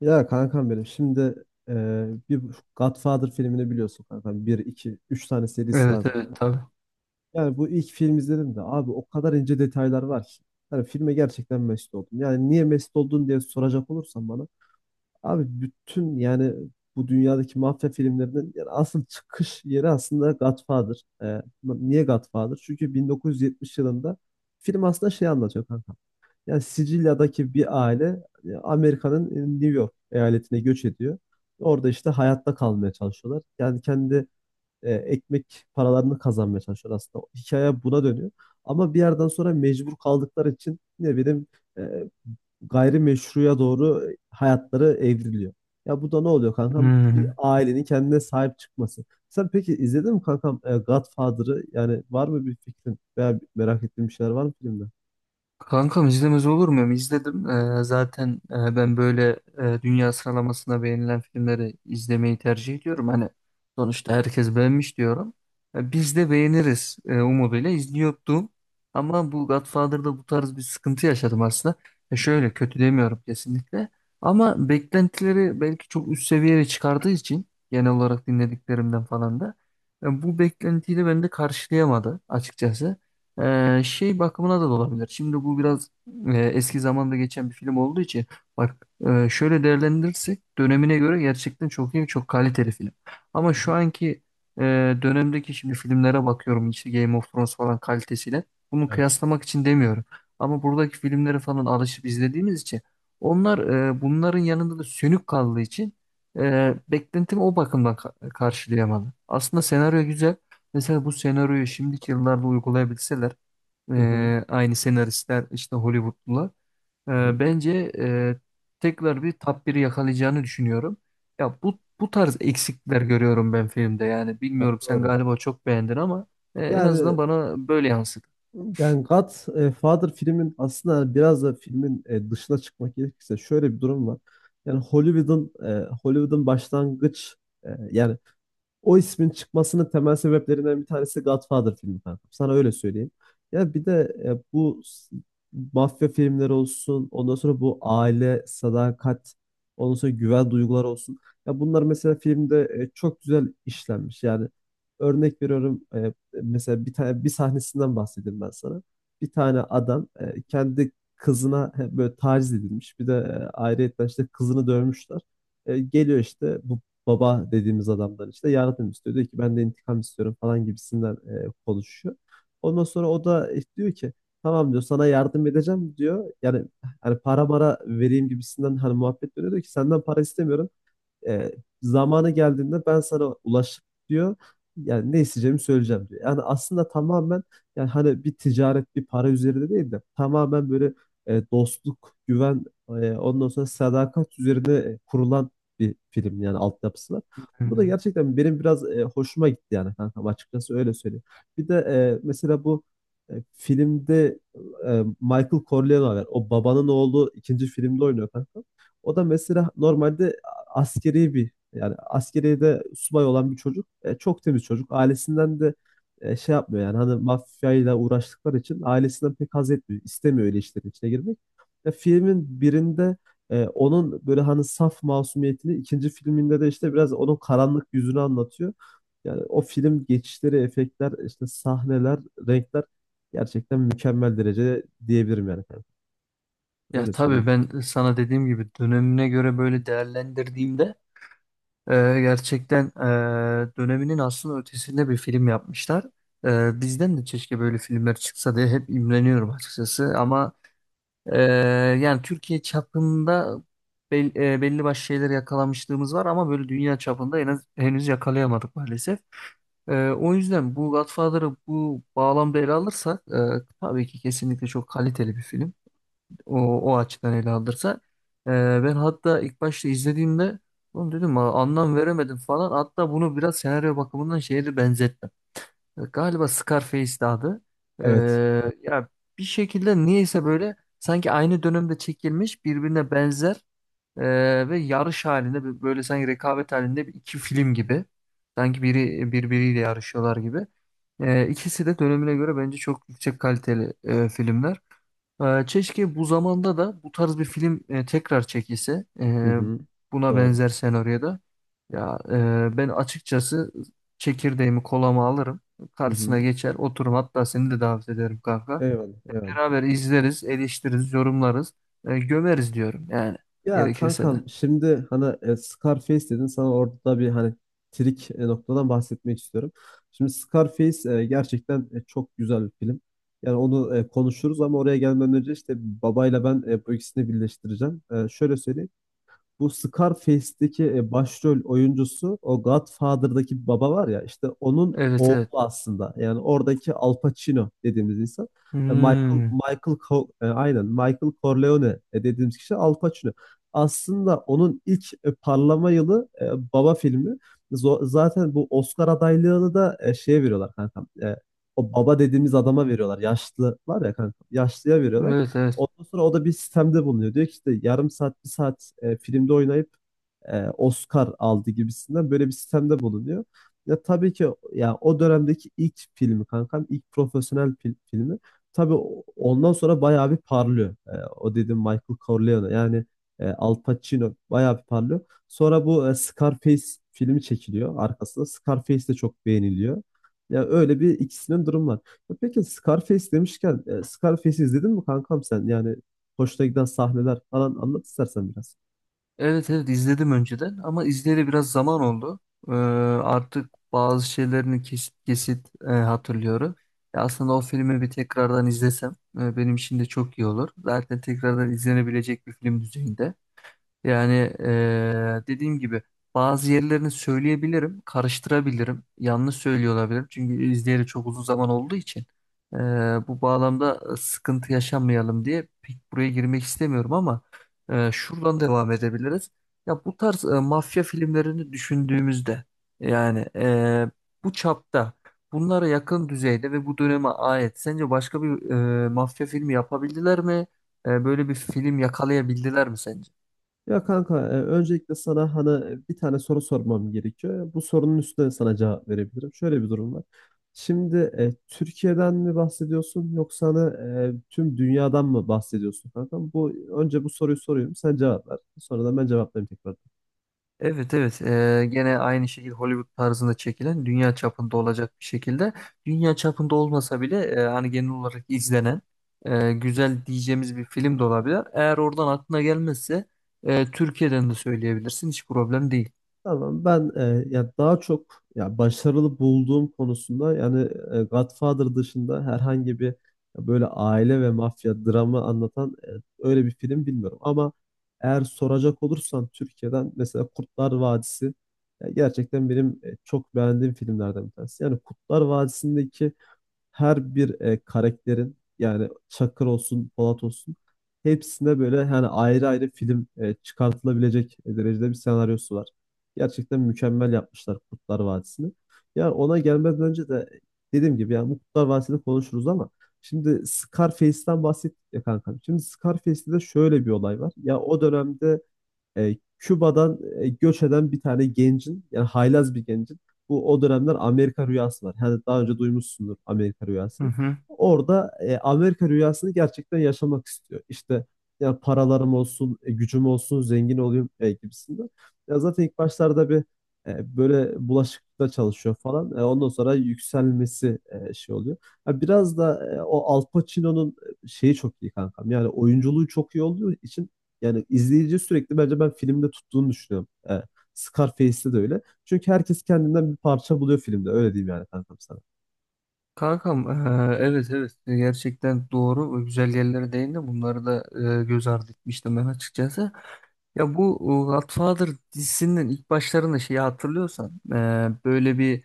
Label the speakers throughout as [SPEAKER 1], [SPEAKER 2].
[SPEAKER 1] Ya kankam benim şimdi e, bir Godfather filmini biliyorsun kankam. Bir, iki, üç tane serisi
[SPEAKER 2] Evet,
[SPEAKER 1] var zaten.
[SPEAKER 2] evet, tabii.
[SPEAKER 1] Yani bu ilk film izledim de abi o kadar ince detaylar var ki. Yani filme gerçekten mest oldum. Yani niye mest oldun diye soracak olursan bana. Abi bütün yani bu dünyadaki mafya filmlerinin yani asıl çıkış yeri aslında Godfather. Niye Godfather? Çünkü 1970 yılında film aslında şey anlatıyor kanka. Yani Sicilya'daki bir aile Amerika'nın New York eyaletine göç ediyor. Orada işte hayatta kalmaya çalışıyorlar. Yani kendi ekmek paralarını kazanmaya çalışıyorlar aslında. Hikaye buna dönüyor. Ama bir yerden sonra mecbur kaldıkları için ne bileyim e, gayrimeşruya doğru hayatları evriliyor. Ya bu da ne oluyor kankam? Bir
[SPEAKER 2] Hmm.
[SPEAKER 1] ailenin kendine sahip çıkması. Sen peki izledin mi kankam Godfather'ı? Yani var mı bir fikrin veya merak ettiğin bir şeyler var mı filmde? Hı
[SPEAKER 2] Kankam, izlemez olur muyum? İzledim. Zaten ben böyle dünya sıralamasına beğenilen filmleri izlemeyi tercih ediyorum. Hani sonuçta herkes beğenmiş diyorum. E, biz de beğeniriz umuduyla izliyordum. Ama bu Godfather'da bu tarz bir sıkıntı yaşadım aslında. E,
[SPEAKER 1] hı,
[SPEAKER 2] şöyle kötü demiyorum kesinlikle. Ama beklentileri belki çok üst seviyeye çıkardığı için genel olarak dinlediklerimden falan da bu beklentiyi de bende karşılayamadı açıkçası. Şey bakımına da olabilir. Şimdi bu biraz eski zamanda geçen bir film olduğu için bak, şöyle değerlendirirsek dönemine göre gerçekten çok iyi, çok kaliteli film. Ama
[SPEAKER 1] hı
[SPEAKER 2] şu
[SPEAKER 1] hı.
[SPEAKER 2] anki e, dönemdeki şimdi filmlere bakıyorum, işte Game of Thrones falan kalitesiyle. Bunu
[SPEAKER 1] Evet.
[SPEAKER 2] kıyaslamak için demiyorum. Ama buradaki filmleri falan alışıp izlediğimiz için onlar, bunların yanında da sönük kaldığı için beklentimi o bakımdan karşılayamadı. Aslında senaryo güzel. Mesela bu senaryoyu şimdiki yıllarda uygulayabilseler,
[SPEAKER 1] Hı hı.
[SPEAKER 2] aynı senaristler, işte Hollywoodlular.
[SPEAKER 1] Hı.
[SPEAKER 2] Bence tekrar bir top 1'i yakalayacağını düşünüyorum. Ya bu tarz eksikler görüyorum ben filmde. Yani
[SPEAKER 1] Ya
[SPEAKER 2] bilmiyorum, sen
[SPEAKER 1] doğru.
[SPEAKER 2] galiba çok beğendin ama en azından
[SPEAKER 1] Yani
[SPEAKER 2] bana böyle yansıdı.
[SPEAKER 1] yani God Father filmin aslında hani biraz da filmin dışına çıkmak gerekirse şöyle bir durum var. Yani Hollywood'un başlangıç e, yani o ismin çıkmasının temel sebeplerinden bir tanesi Godfather filmi kankam. Sana öyle söyleyeyim. Ya bir de e, bu s- mafya filmleri olsun, ondan sonra bu aile, sadakat, ondan sonra güven duyguları olsun. Ya bunlar mesela filmde çok güzel işlenmiş. Yani örnek veriyorum, mesela bir tane sahnesinden bahsedeyim ben sana. Bir tane adam kendi kızına böyle taciz edilmiş. Bir de ayrıyetten işte kızını dövmüşler. Geliyor işte bu baba dediğimiz adamdan işte yardım istiyor. Diyor ki ben de intikam istiyorum falan gibisinden konuşuyor. Ondan sonra o da diyor ki tamam diyor, sana yardım edeceğim diyor. Yani hani para mara vereyim gibisinden hani muhabbet dönüyor, diyor ki senden para istemiyorum, e, zamanı geldiğinde ben sana ulaşıp diyor. Yani ne isteyeceğimi söyleyeceğim diyor. Yani aslında tamamen yani hani bir ticaret bir para üzerinde değil de tamamen böyle dostluk, güven, ondan sonra sadakat üzerine kurulan bir film yani altyapısı var. Bu da
[SPEAKER 2] Hmm.
[SPEAKER 1] gerçekten benim biraz hoşuma gitti yani kankam, açıkçası öyle söyleyeyim. Bir de e, mesela bu e, filmde e, Michael Corleone var. O babanın oğlu ikinci filmde oynuyor kanka. O da mesela normalde askeri bir yani askeriyede subay olan bir çocuk. Çok temiz çocuk. Ailesinden de şey yapmıyor yani hani mafyayla uğraştıkları için ailesinden pek haz etmiyor. İstemiyor öyle işlerin içine girmek. Filmin birinde onun böyle hani saf masumiyetini, ikinci filminde de işte biraz onun karanlık yüzünü anlatıyor. Yani o film geçişleri, efektler, işte sahneler, renkler gerçekten mükemmel derecede diyebilirim yani.
[SPEAKER 2] Ya
[SPEAKER 1] Öyle
[SPEAKER 2] tabii,
[SPEAKER 1] söyleyeyim.
[SPEAKER 2] ben sana dediğim gibi dönemine göre böyle değerlendirdiğimde, gerçekten döneminin aslında ötesinde bir film yapmışlar. E, bizden de keşke böyle filmler çıksa diye hep imreniyorum açıkçası ama Ee, yani Türkiye çapında belli başlı şeyler yakalamışlığımız var ama böyle dünya çapında en az, henüz yakalayamadık maalesef. O yüzden bu Godfather'ı bu bağlamda ele alırsak, tabii ki kesinlikle çok kaliteli bir film. O açıdan ele alırsak. Ee, ben hatta ilk başta izlediğimde oğlum dedim: "Aa, anlam veremedim" falan. Hatta bunu biraz senaryo bakımından şeye de benzettim. Galiba Scarface'di adı.
[SPEAKER 1] Evet.
[SPEAKER 2] Hmm. Ya bir şekilde niyeyse böyle sanki aynı dönemde çekilmiş birbirine benzer, ve yarış halinde böyle sanki rekabet halinde bir iki film gibi. Sanki biri birbiriyle yarışıyorlar gibi. İkisi de dönemine göre bence çok yüksek kaliteli filmler. Keşke bu zamanda da bu tarz bir film tekrar çekilse,
[SPEAKER 1] Hı hı.
[SPEAKER 2] buna
[SPEAKER 1] Doğru.
[SPEAKER 2] benzer senaryoda. Ya ben açıkçası çekirdeğimi kolama alırım.
[SPEAKER 1] Hı
[SPEAKER 2] Karşısına
[SPEAKER 1] hı.
[SPEAKER 2] geçer oturum, hatta seni de davet ederim kanka.
[SPEAKER 1] Eyvallah, eyvallah.
[SPEAKER 2] Beraber izleriz, eleştiririz, yorumlarız, gömeriz diyorum, yani
[SPEAKER 1] Ya
[SPEAKER 2] gerekirse de.
[SPEAKER 1] kankam şimdi hani Scarface dedin, sana orada da bir hani trik noktadan bahsetmek istiyorum. Şimdi Scarface gerçekten çok güzel bir film. Yani onu konuşuruz ama oraya gelmeden önce işte babayla ben bu ikisini birleştireceğim. Şöyle söyleyeyim. Bu Scarface'deki başrol oyuncusu, o Godfather'daki bir baba var ya işte onun
[SPEAKER 2] Evet,
[SPEAKER 1] oğlu
[SPEAKER 2] evet.
[SPEAKER 1] aslında. Yani oradaki Al Pacino dediğimiz insan.
[SPEAKER 2] Hmm,
[SPEAKER 1] Aynen Michael Corleone dediğimiz kişi Al Pacino. Aslında onun ilk parlama yılı Baba filmi. Zaten bu Oscar adaylığını da şeye veriyorlar kankam. O baba dediğimiz adama veriyorlar. Yaşlı var ya kanka. Yaşlıya veriyorlar.
[SPEAKER 2] evet, evet.
[SPEAKER 1] Ondan sonra o da bir sistemde bulunuyor. Diyor ki işte yarım saat, bir saat filmde oynayıp Oscar aldı gibisinden böyle bir sistemde bulunuyor. Ya tabii ki ya o dönemdeki ilk filmi kankam, ilk profesyonel filmi. Tabii ondan sonra bayağı bir parlıyor. O dediğim Michael Corleone yani Al Pacino bayağı bir parlıyor. Sonra bu Scarface filmi çekiliyor arkasında. Scarface de çok beğeniliyor. Ya öyle bir ikisinin durum var. Ya peki Scarface demişken Scarface'i izledin mi kankam sen? Yani hoşuna giden sahneler falan anlat istersen biraz.
[SPEAKER 2] Evet, evet, izledim önceden ama izleyeli biraz zaman oldu. Ee, artık bazı şeylerini kesit kesit hatırlıyorum. Ya aslında o filmi bir tekrardan izlesem, benim için de çok iyi olur. Zaten tekrardan izlenebilecek bir film düzeyinde. Yani, dediğim gibi, bazı yerlerini söyleyebilirim, karıştırabilirim, yanlış söylüyor olabilirim. Çünkü izleyeli çok uzun zaman olduğu için, eee, bu bağlamda sıkıntı yaşamayalım diye pek buraya girmek istemiyorum ama şuradan devam edebiliriz. Ya bu tarz mafya filmlerini düşündüğümüzde, yani bu çapta, bunlara yakın düzeyde ve bu döneme ait sence başka bir mafya filmi yapabildiler mi? Böyle bir film yakalayabildiler mi sence?
[SPEAKER 1] Ya kanka, öncelikle sana hani bir tane soru sormam gerekiyor. Bu sorunun üstüne sana cevap verebilirim. Şöyle bir durum var. Şimdi Türkiye'den mi bahsediyorsun, yoksa hani tüm dünyadan mı bahsediyorsun kanka? Önce bu soruyu sorayım. Sen cevap ver. Sonra da ben cevaplayayım tekrar.
[SPEAKER 2] Evet, evet. Gene aynı şekilde Hollywood tarzında çekilen dünya çapında olacak bir şekilde, dünya çapında olmasa bile hani genel olarak izlenen güzel diyeceğimiz bir film de olabilir. Eğer oradan aklına gelmezse Türkiye'den de söyleyebilirsin, hiç problem değil.
[SPEAKER 1] Tamam, ben ya daha çok ya başarılı bulduğum konusunda yani Godfather dışında herhangi bir, ya böyle aile ve mafya dramı anlatan, öyle bir film bilmiyorum ama eğer soracak olursan Türkiye'den mesela Kurtlar Vadisi, ya gerçekten benim çok beğendiğim filmlerden bir tanesi. Yani Kurtlar Vadisi'ndeki her bir karakterin, yani Çakır olsun, Polat olsun, hepsinde böyle yani ayrı ayrı film çıkartılabilecek derecede bir senaryosu var. Gerçekten mükemmel yapmışlar Kurtlar Vadisi'ni. Yani ona gelmeden önce de dediğim gibi yani bu Kurtlar Vadisi'ni konuşuruz ama şimdi Scarface'den bahsettik ya kankam. Şimdi Scarface'de de şöyle bir olay var. Ya o dönemde Küba'dan göç eden bir tane gencin, yani haylaz bir gencin, bu o dönemler Amerika rüyası var. Yani daha önce duymuşsundur Amerika
[SPEAKER 2] Hı
[SPEAKER 1] rüyası.
[SPEAKER 2] hı.
[SPEAKER 1] Orada Amerika rüyasını gerçekten yaşamak istiyor. İşte ya paralarım olsun, gücüm olsun, zengin olayım gibisinden. Ya zaten ilk başlarda bir böyle bulaşıkta çalışıyor falan. Ondan sonra yükselmesi şey oluyor. Ya biraz da o Al Pacino'nun şeyi çok iyi kankam. Yani oyunculuğu çok iyi olduğu için yani izleyici sürekli, bence ben filmde tuttuğunu düşünüyorum. Scarface'te de öyle. Çünkü herkes kendinden bir parça buluyor filmde. Öyle diyeyim yani kankam sana.
[SPEAKER 2] Kankam, evet, evet, gerçekten doğru, güzel yerlere değindin, bunları da göz ardı etmiştim ben açıkçası. Ya bu Godfather dizisinin ilk başlarında şeyi hatırlıyorsan, böyle bir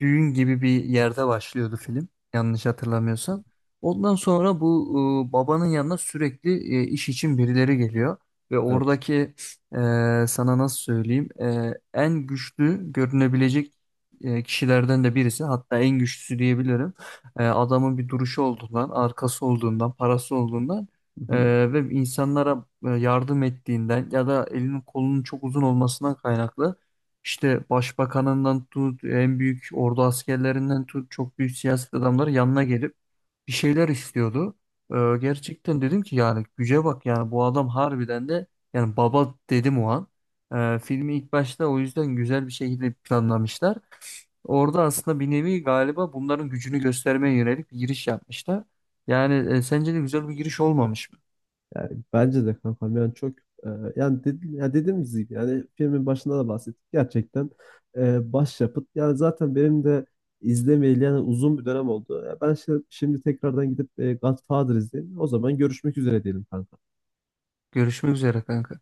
[SPEAKER 2] düğün gibi bir yerde başlıyordu film, yanlış hatırlamıyorsam. Ondan sonra bu, babanın yanına sürekli iş için birileri geliyor ve
[SPEAKER 1] Evet.
[SPEAKER 2] oradaki, sana nasıl söyleyeyim, en güçlü görünebilecek kişilerden de birisi, hatta en güçlüsü diyebilirim. E, adamın bir duruşu olduğundan, arkası olduğundan, parası olduğundan,
[SPEAKER 1] Hı hı.
[SPEAKER 2] ve insanlara yardım ettiğinden ya da elinin kolunun çok uzun olmasından kaynaklı, işte başbakanından tut, en büyük ordu askerlerinden tut, çok büyük siyaset adamları yanına gelip bir şeyler istiyordu. Ee, gerçekten dedim ki, yani güce bak, yani bu adam harbiden de, yani baba dedim o an. Filmi ilk başta o yüzden güzel bir şekilde planlamışlar. Orada aslında bir nevi galiba bunların gücünü göstermeye yönelik bir giriş yapmışlar. Yani, sence de güzel bir giriş olmamış mı?
[SPEAKER 1] Yani bence de kankam yani çok e, ya dediğimiz gibi yani filmin başında da bahsettik, gerçekten başyapıt yani. Zaten benim de izlemeyeli yani uzun bir dönem oldu. Ya ben şimdi, tekrardan gidip Godfather izleyeyim. O zaman görüşmek üzere diyelim kankam.
[SPEAKER 2] Görüşmek üzere kanka.